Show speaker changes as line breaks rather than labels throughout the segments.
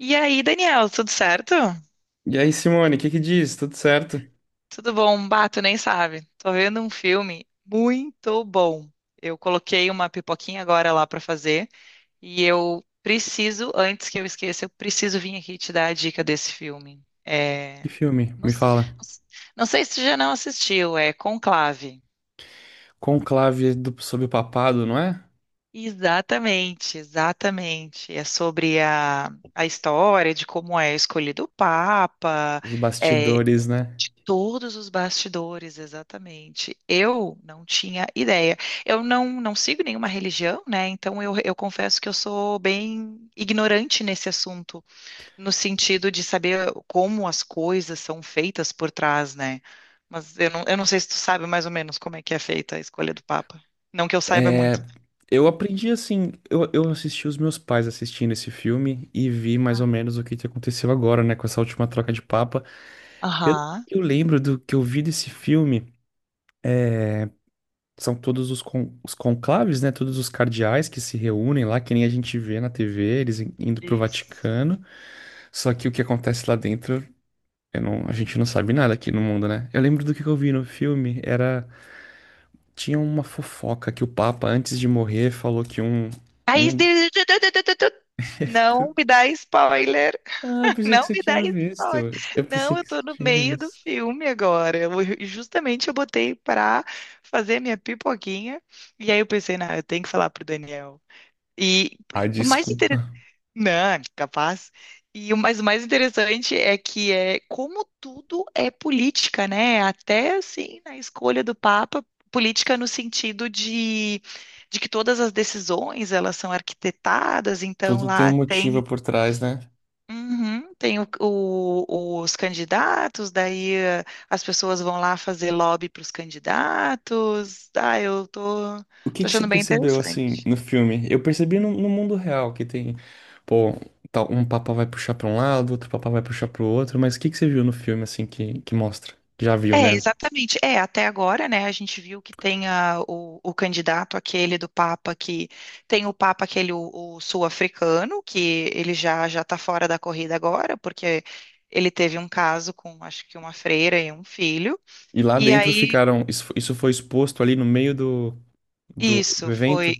E aí, Daniel, tudo certo?
E aí, Simone, o que que diz? Tudo certo?
Tudo bom? Um Bato, nem sabe. Tô vendo um filme muito bom. Eu coloquei uma pipoquinha agora lá pra fazer e eu preciso, antes que eu esqueça, eu preciso vir aqui te dar a dica desse filme.
Que
É.
filme?
Não,
Me fala.
não s- não sei se tu já não assistiu, é Conclave.
Conclave, do, sobre o papado, não é?
Exatamente, exatamente. É sobre a história de como é escolhido o Papa.
Os
É.
bastidores, né?
De todos os bastidores, exatamente. Eu não tinha ideia. Eu não sigo nenhuma religião, né? Então eu confesso que eu sou bem ignorante nesse assunto, no sentido de saber como as coisas são feitas por trás, né? Mas eu não sei se tu sabe mais ou menos como é que é feita a escolha do Papa. Não que eu saiba
É,
muito, né?
eu aprendi assim, eu assisti os meus pais assistindo esse filme e vi mais ou menos o que que aconteceu agora, né, com essa última troca de papa.
Ah.
Pelo
Aham.
que eu lembro do que eu vi desse filme, são todos os, os conclaves, né, todos os cardeais que se reúnem lá, que nem a gente vê na TV, eles indo pro
Isso.
Vaticano. Só que o que acontece lá dentro, Eu não, a gente não sabe nada aqui no mundo, né? Eu lembro do que eu vi no filme, era... Tinha uma fofoca que o Papa, antes de morrer, falou que um...
Aí,
um...
não me dá spoiler.
Ah, eu pensei que
Não
você
me dá
tinha visto.
spoiler.
Eu pensei
Não, eu
que você
tô no
tinha
meio do
visto.
filme agora. Justamente eu botei pra fazer minha pipoquinha. E aí eu pensei, não, eu tenho que falar pro Daniel. E
Ah,
e o mais interessante.
desculpa.
Não, capaz. E o mais interessante é que é como tudo é política, né? Até assim, na escolha do Papa, política no sentido de, que todas as decisões, elas são arquitetadas, então
Tudo tem um
lá
motivo
tem.
por trás, né?
Uhum. Tem os candidatos, daí as pessoas vão lá fazer lobby para os candidatos. Ah, eu tô,
O que
tô
que você
achando bem
percebeu, assim,
interessante.
no filme? Eu percebi no, no mundo real que tem... Pô, tal, um papa vai puxar pra um lado, outro papa vai puxar pro outro, mas o que que você viu no filme, assim, que mostra? Já viu,
É,
né?
exatamente. É, até agora, né, a gente viu que tem o candidato aquele do Papa que tem o Papa aquele o sul-africano, que ele já tá fora da corrida agora, porque ele teve um caso com acho que uma freira e um filho.
E lá
E
dentro
aí
ficaram. Isso isso foi exposto ali no meio do, do, do
isso foi
evento.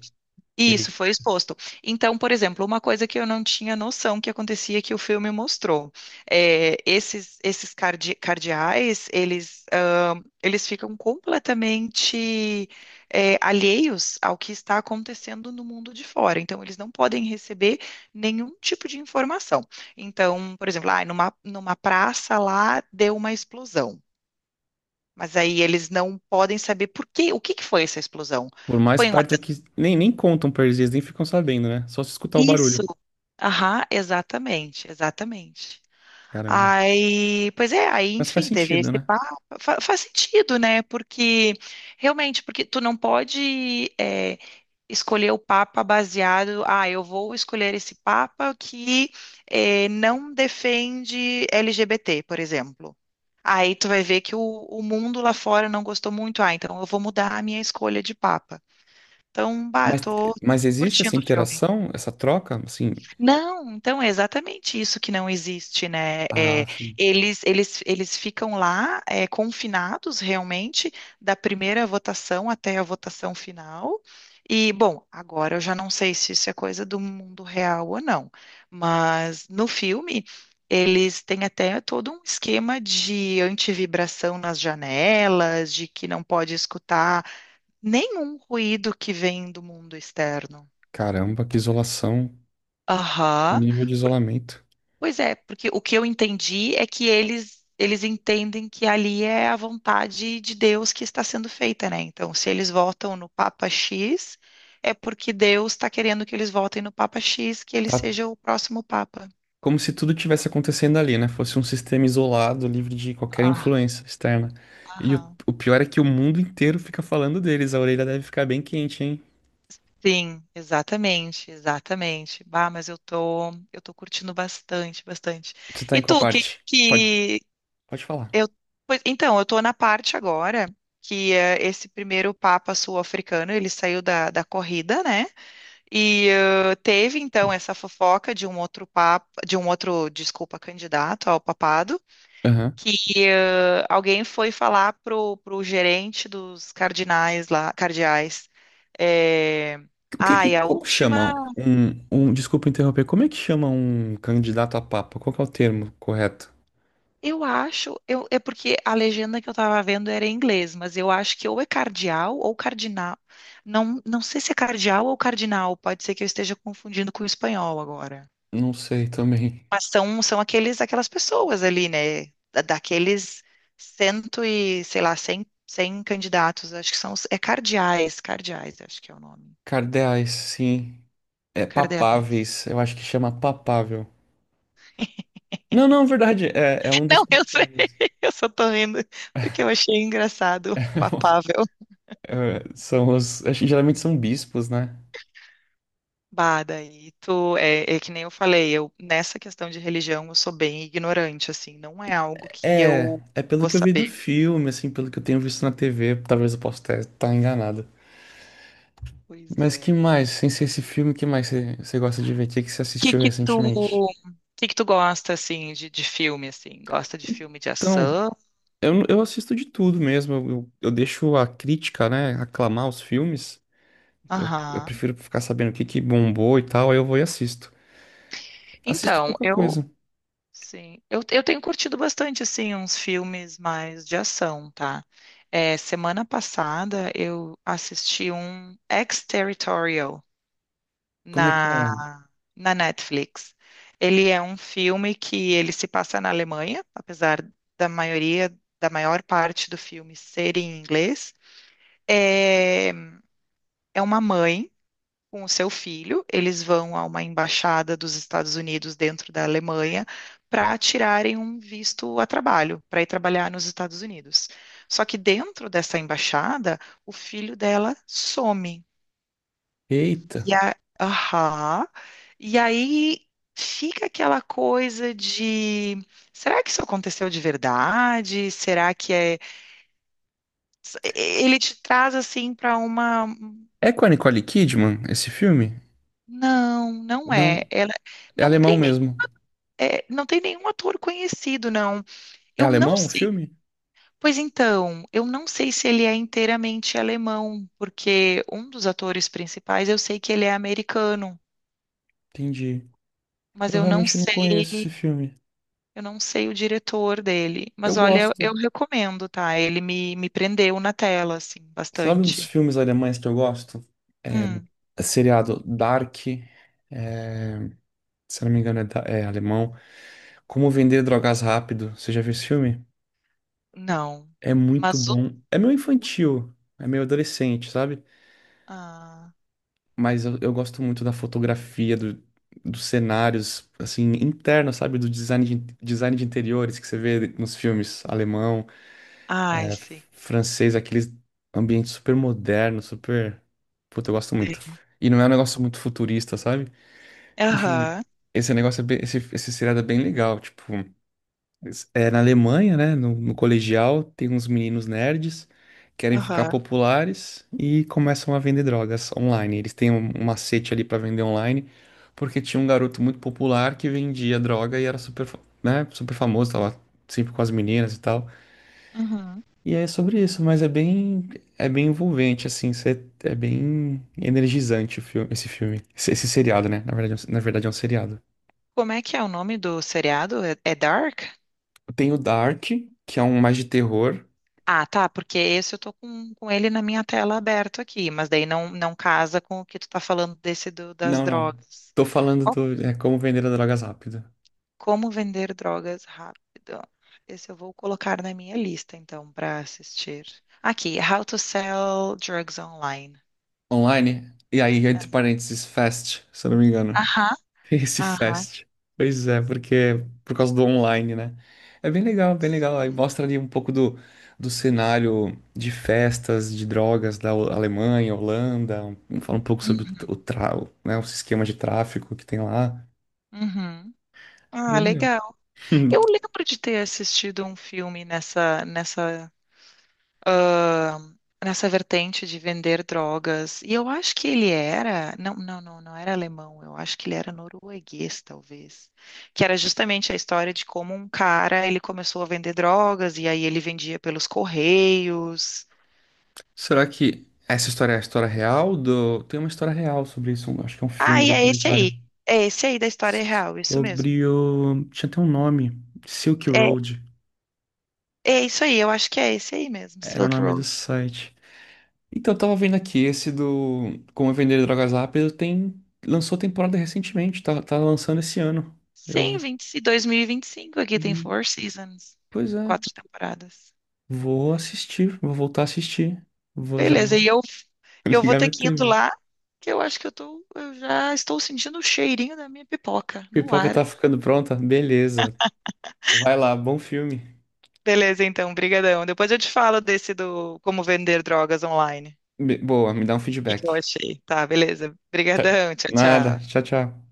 Isso
E
foi exposto. Então, por exemplo, uma coisa que eu não tinha noção que acontecia, que o filme mostrou, é, esses cardeais, eles eles ficam completamente, alheios ao que está acontecendo no mundo de fora. Então, eles não podem receber nenhum tipo de informação. Então, por exemplo, numa praça lá deu uma explosão, mas aí eles não podem saber por quê, o que que foi essa explosão?
por mais
Foi um
perto
atentado?
que. Nem, nem contam pra eles, eles nem ficam sabendo, né? Só se escutar o barulho.
Aham, exatamente, exatamente.
Caramba.
Aí, pois é, aí,
Mas faz
enfim, teve
sentido,
esse
né?
papo. Faz sentido, né? Porque realmente, porque tu não pode, escolher o papa baseado, ah, eu vou escolher esse papa que, não defende LGBT, por exemplo. Aí tu vai ver que o mundo lá fora não gostou muito, ah, então eu vou mudar a minha escolha de papa. Então, bah,
Mas,
tô
mas existe
curtindo
essa
o filme.
interação, essa troca? Assim.
Não, então é exatamente isso que não existe, né?
Ah,
É,
assim.
eles ficam lá, confinados realmente da primeira votação até a votação final. E, bom, agora eu já não sei se isso é coisa do mundo real ou não, mas no filme eles têm até todo um esquema de antivibração nas janelas, de que não pode escutar nenhum ruído que vem do mundo externo.
Caramba, que isolação. Que
Aham.
nível de isolamento.
Pois é, porque o que eu entendi é que eles entendem que ali é a vontade de Deus que está sendo feita, né? Então, se eles votam no Papa X, é porque Deus está querendo que eles votem no Papa X, que ele
Tá,
seja o próximo Papa.
como se tudo tivesse acontecendo ali, né? Fosse um sistema isolado, livre de qualquer
Ah,
influência externa. E
aham.
o pior é que o mundo inteiro fica falando deles. A orelha deve ficar bem quente, hein?
Sim, exatamente, exatamente. Bah, mas eu tô, eu tô curtindo bastante, bastante.
Você tá
E
em qual
tu?
parte? Pode, pode falar.
Eu, então, eu estou na parte agora que esse primeiro Papa sul-africano, ele saiu da, da corrida, né? E teve, então, essa fofoca de um outro papa, de um outro, desculpa, candidato ao papado,
Aham.
que alguém foi falar pro, pro gerente dos cardinais lá, cardeais, eh,
O que,
ai, a
como
última
chama um, um, desculpa interromper, como é que chama um candidato a papa? Qual que é o termo correto?
Eu acho, é porque a legenda que eu tava vendo era em inglês, mas eu acho que ou é cardeal ou cardinal. Não, não sei se é cardeal ou cardinal, pode ser que eu esteja confundindo com o espanhol agora.
Não sei também.
Mas são aqueles, aquelas pessoas ali, né? Daqueles cento e, sei lá, cem candidatos, acho que são, é cardeais, acho que é o nome.
Cardeais, sim. É
Cardeais.
papáveis, eu acho que chama papável. Não, não, verdade, é, é um dos
Não, eu sei,
papáveis.
eu só tô rindo porque eu achei engraçado, papável.
É, são os, acho que geralmente são bispos, né?
Bah, daí tu, é, é que nem eu falei, eu, nessa questão de religião, eu sou bem ignorante, assim, não é algo que
É,
eu
é pelo
vou
que eu vi do
saber.
filme, assim, pelo que eu tenho visto na TV, talvez eu possa estar enganado.
Pois
Mas que
é.
mais, sem ser esse filme, que mais você gosta de ver? O que que você
Que
assistiu recentemente?
que tu gosta, assim, de filme, assim? Gosta de filme de
Então,
ação?
eu assisto de tudo mesmo. Eu deixo a crítica, né, aclamar os filmes. Eu
Aham.
prefiro ficar sabendo o que que bombou e tal, aí eu vou e assisto. Assisto
Então,
pouca coisa.
sim, eu tenho curtido bastante, assim, uns filmes mais de ação, tá? É, semana passada eu assisti um Ex-Territorial
Como é que
na
é?
na Netflix. Ele é um filme que ele se passa na Alemanha, apesar da maioria, da maior parte do filme ser em inglês. É, uma mãe com o seu filho, eles vão a uma embaixada dos Estados Unidos dentro da Alemanha para tirarem um visto a trabalho, para ir trabalhar nos Estados Unidos. Só que dentro dessa embaixada, o filho dela some.
Eita.
Aham. E aí fica aquela coisa de, será que isso aconteceu de verdade? Será que é... Ele te traz assim para uma,
É com a Nicole Kidman esse filme?
não, não
Não,
é. Ela
é
não
alemão
tem nem,
mesmo.
não tem nenhum ator conhecido, não.
É
Eu não
alemão o
sei.
filme?
Pois então, eu não sei se ele é inteiramente alemão, porque um dos atores principais eu sei que ele é americano,
Entendi.
mas
Eu
eu não
realmente não conheço
sei.
esse filme.
Eu não sei o diretor dele,
Eu
mas olha,
gosto.
eu recomendo, tá? Ele me, me prendeu na tela, assim,
Sabe uns
bastante.
filmes alemães que eu gosto? É,
Hum,
seriado Dark, é, se não me engano é, é alemão. Como Vender Drogas Rápido. Você já viu esse filme?
não.
É muito
Mas o.
bom. É meio infantil, é meio adolescente, sabe?
Ah,
Mas eu gosto muito da fotografia, dos cenários, assim, internos, sabe? Do design de interiores que você vê nos filmes alemão.
ai,
É,
sim.
francês, aqueles ambientes super modernos, super. Puta, eu gosto muito.
Sim.
E não é um negócio muito futurista, sabe? Enfim,
Aham,
esse negócio é bem, esse seriado é bem legal. Tipo, é na Alemanha, né? No, no colegial, tem uns meninos nerds, querem ficar
aham,
populares e começam a vender drogas online. Eles têm um, um macete ali pra vender online, porque tinha um garoto muito popular que vendia droga e era super, né, super famoso, tava sempre com as meninas e tal.
uhum.
E é sobre isso, mas é bem envolvente, assim, é bem energizante o filme, esse seriado, né? Na verdade, é na verdade é um seriado.
Como é que é o nome do seriado? É, é Dark?
Tem o Dark, que é um mais de terror.
Ah, tá, porque esse eu tô com ele na minha tela aberto aqui, mas daí não casa com o que tu tá falando desse do, das
Não, não.
drogas.
Tô falando do, é Como Vender Drogas Rápido.
Como vender drogas rápido. Esse eu vou colocar na minha lista, então, para assistir. Aqui, How to Sell Drugs Online.
Online, e aí, entre parênteses, Fast, se eu não me engano.
Aham,
Esse
aham.
Fest. Pois é, porque é por causa do online, né? É bem legal, bem legal. Aí
Sei.
mostra ali um pouco do, do cenário de festas, de drogas da Alemanha, Holanda. Um, fala um pouco sobre o, o,
Uhum,
o, né, os esquemas de tráfico que tem lá.
uhum.
É
Ah,
bem legal.
legal. Eu lembro de ter assistido um filme nessa, ah, nessa vertente de vender drogas. E eu acho que ele era, não, não, não, não era alemão, eu acho que ele era norueguês, talvez. Que era justamente a história de como um cara, ele começou a vender drogas e aí ele vendia pelos correios.
Será que essa história é a história real do... Tem uma história real sobre isso, acho que é um
Ah,
filme,
e
um
é esse aí.
documentário.
É esse aí da história real, isso mesmo.
Sobre o... Tinha até um nome. Silk
É,
Road.
é isso aí, eu acho que é esse aí mesmo,
Era o
Silk
nome do
Road.
site. Então, eu tava vendo aqui, esse do Como Vender Drogas Rápido tem... lançou temporada recentemente, tá, tá lançando esse ano.
Sim,
Eu...
vinte, e 2025 aqui tem Four Seasons,
Pois é,
quatro temporadas.
vou assistir, vou voltar a assistir. Vou, já
Beleza,
vou
e eu E eu vou
ligar
ter
minha
que ir indo
TV.
lá, que eu acho que eu já estou sentindo o cheirinho da minha pipoca no
Pipoca
ar.
tá ficando pronta? Beleza. Vai lá, bom filme.
Beleza, então, brigadão. Depois eu te falo desse do como vender drogas online. O
Boa, me dá um
que que eu
feedback.
achei? Tá, beleza. Brigadão, tchau,
Nada,
tchau.
tchau, tchau.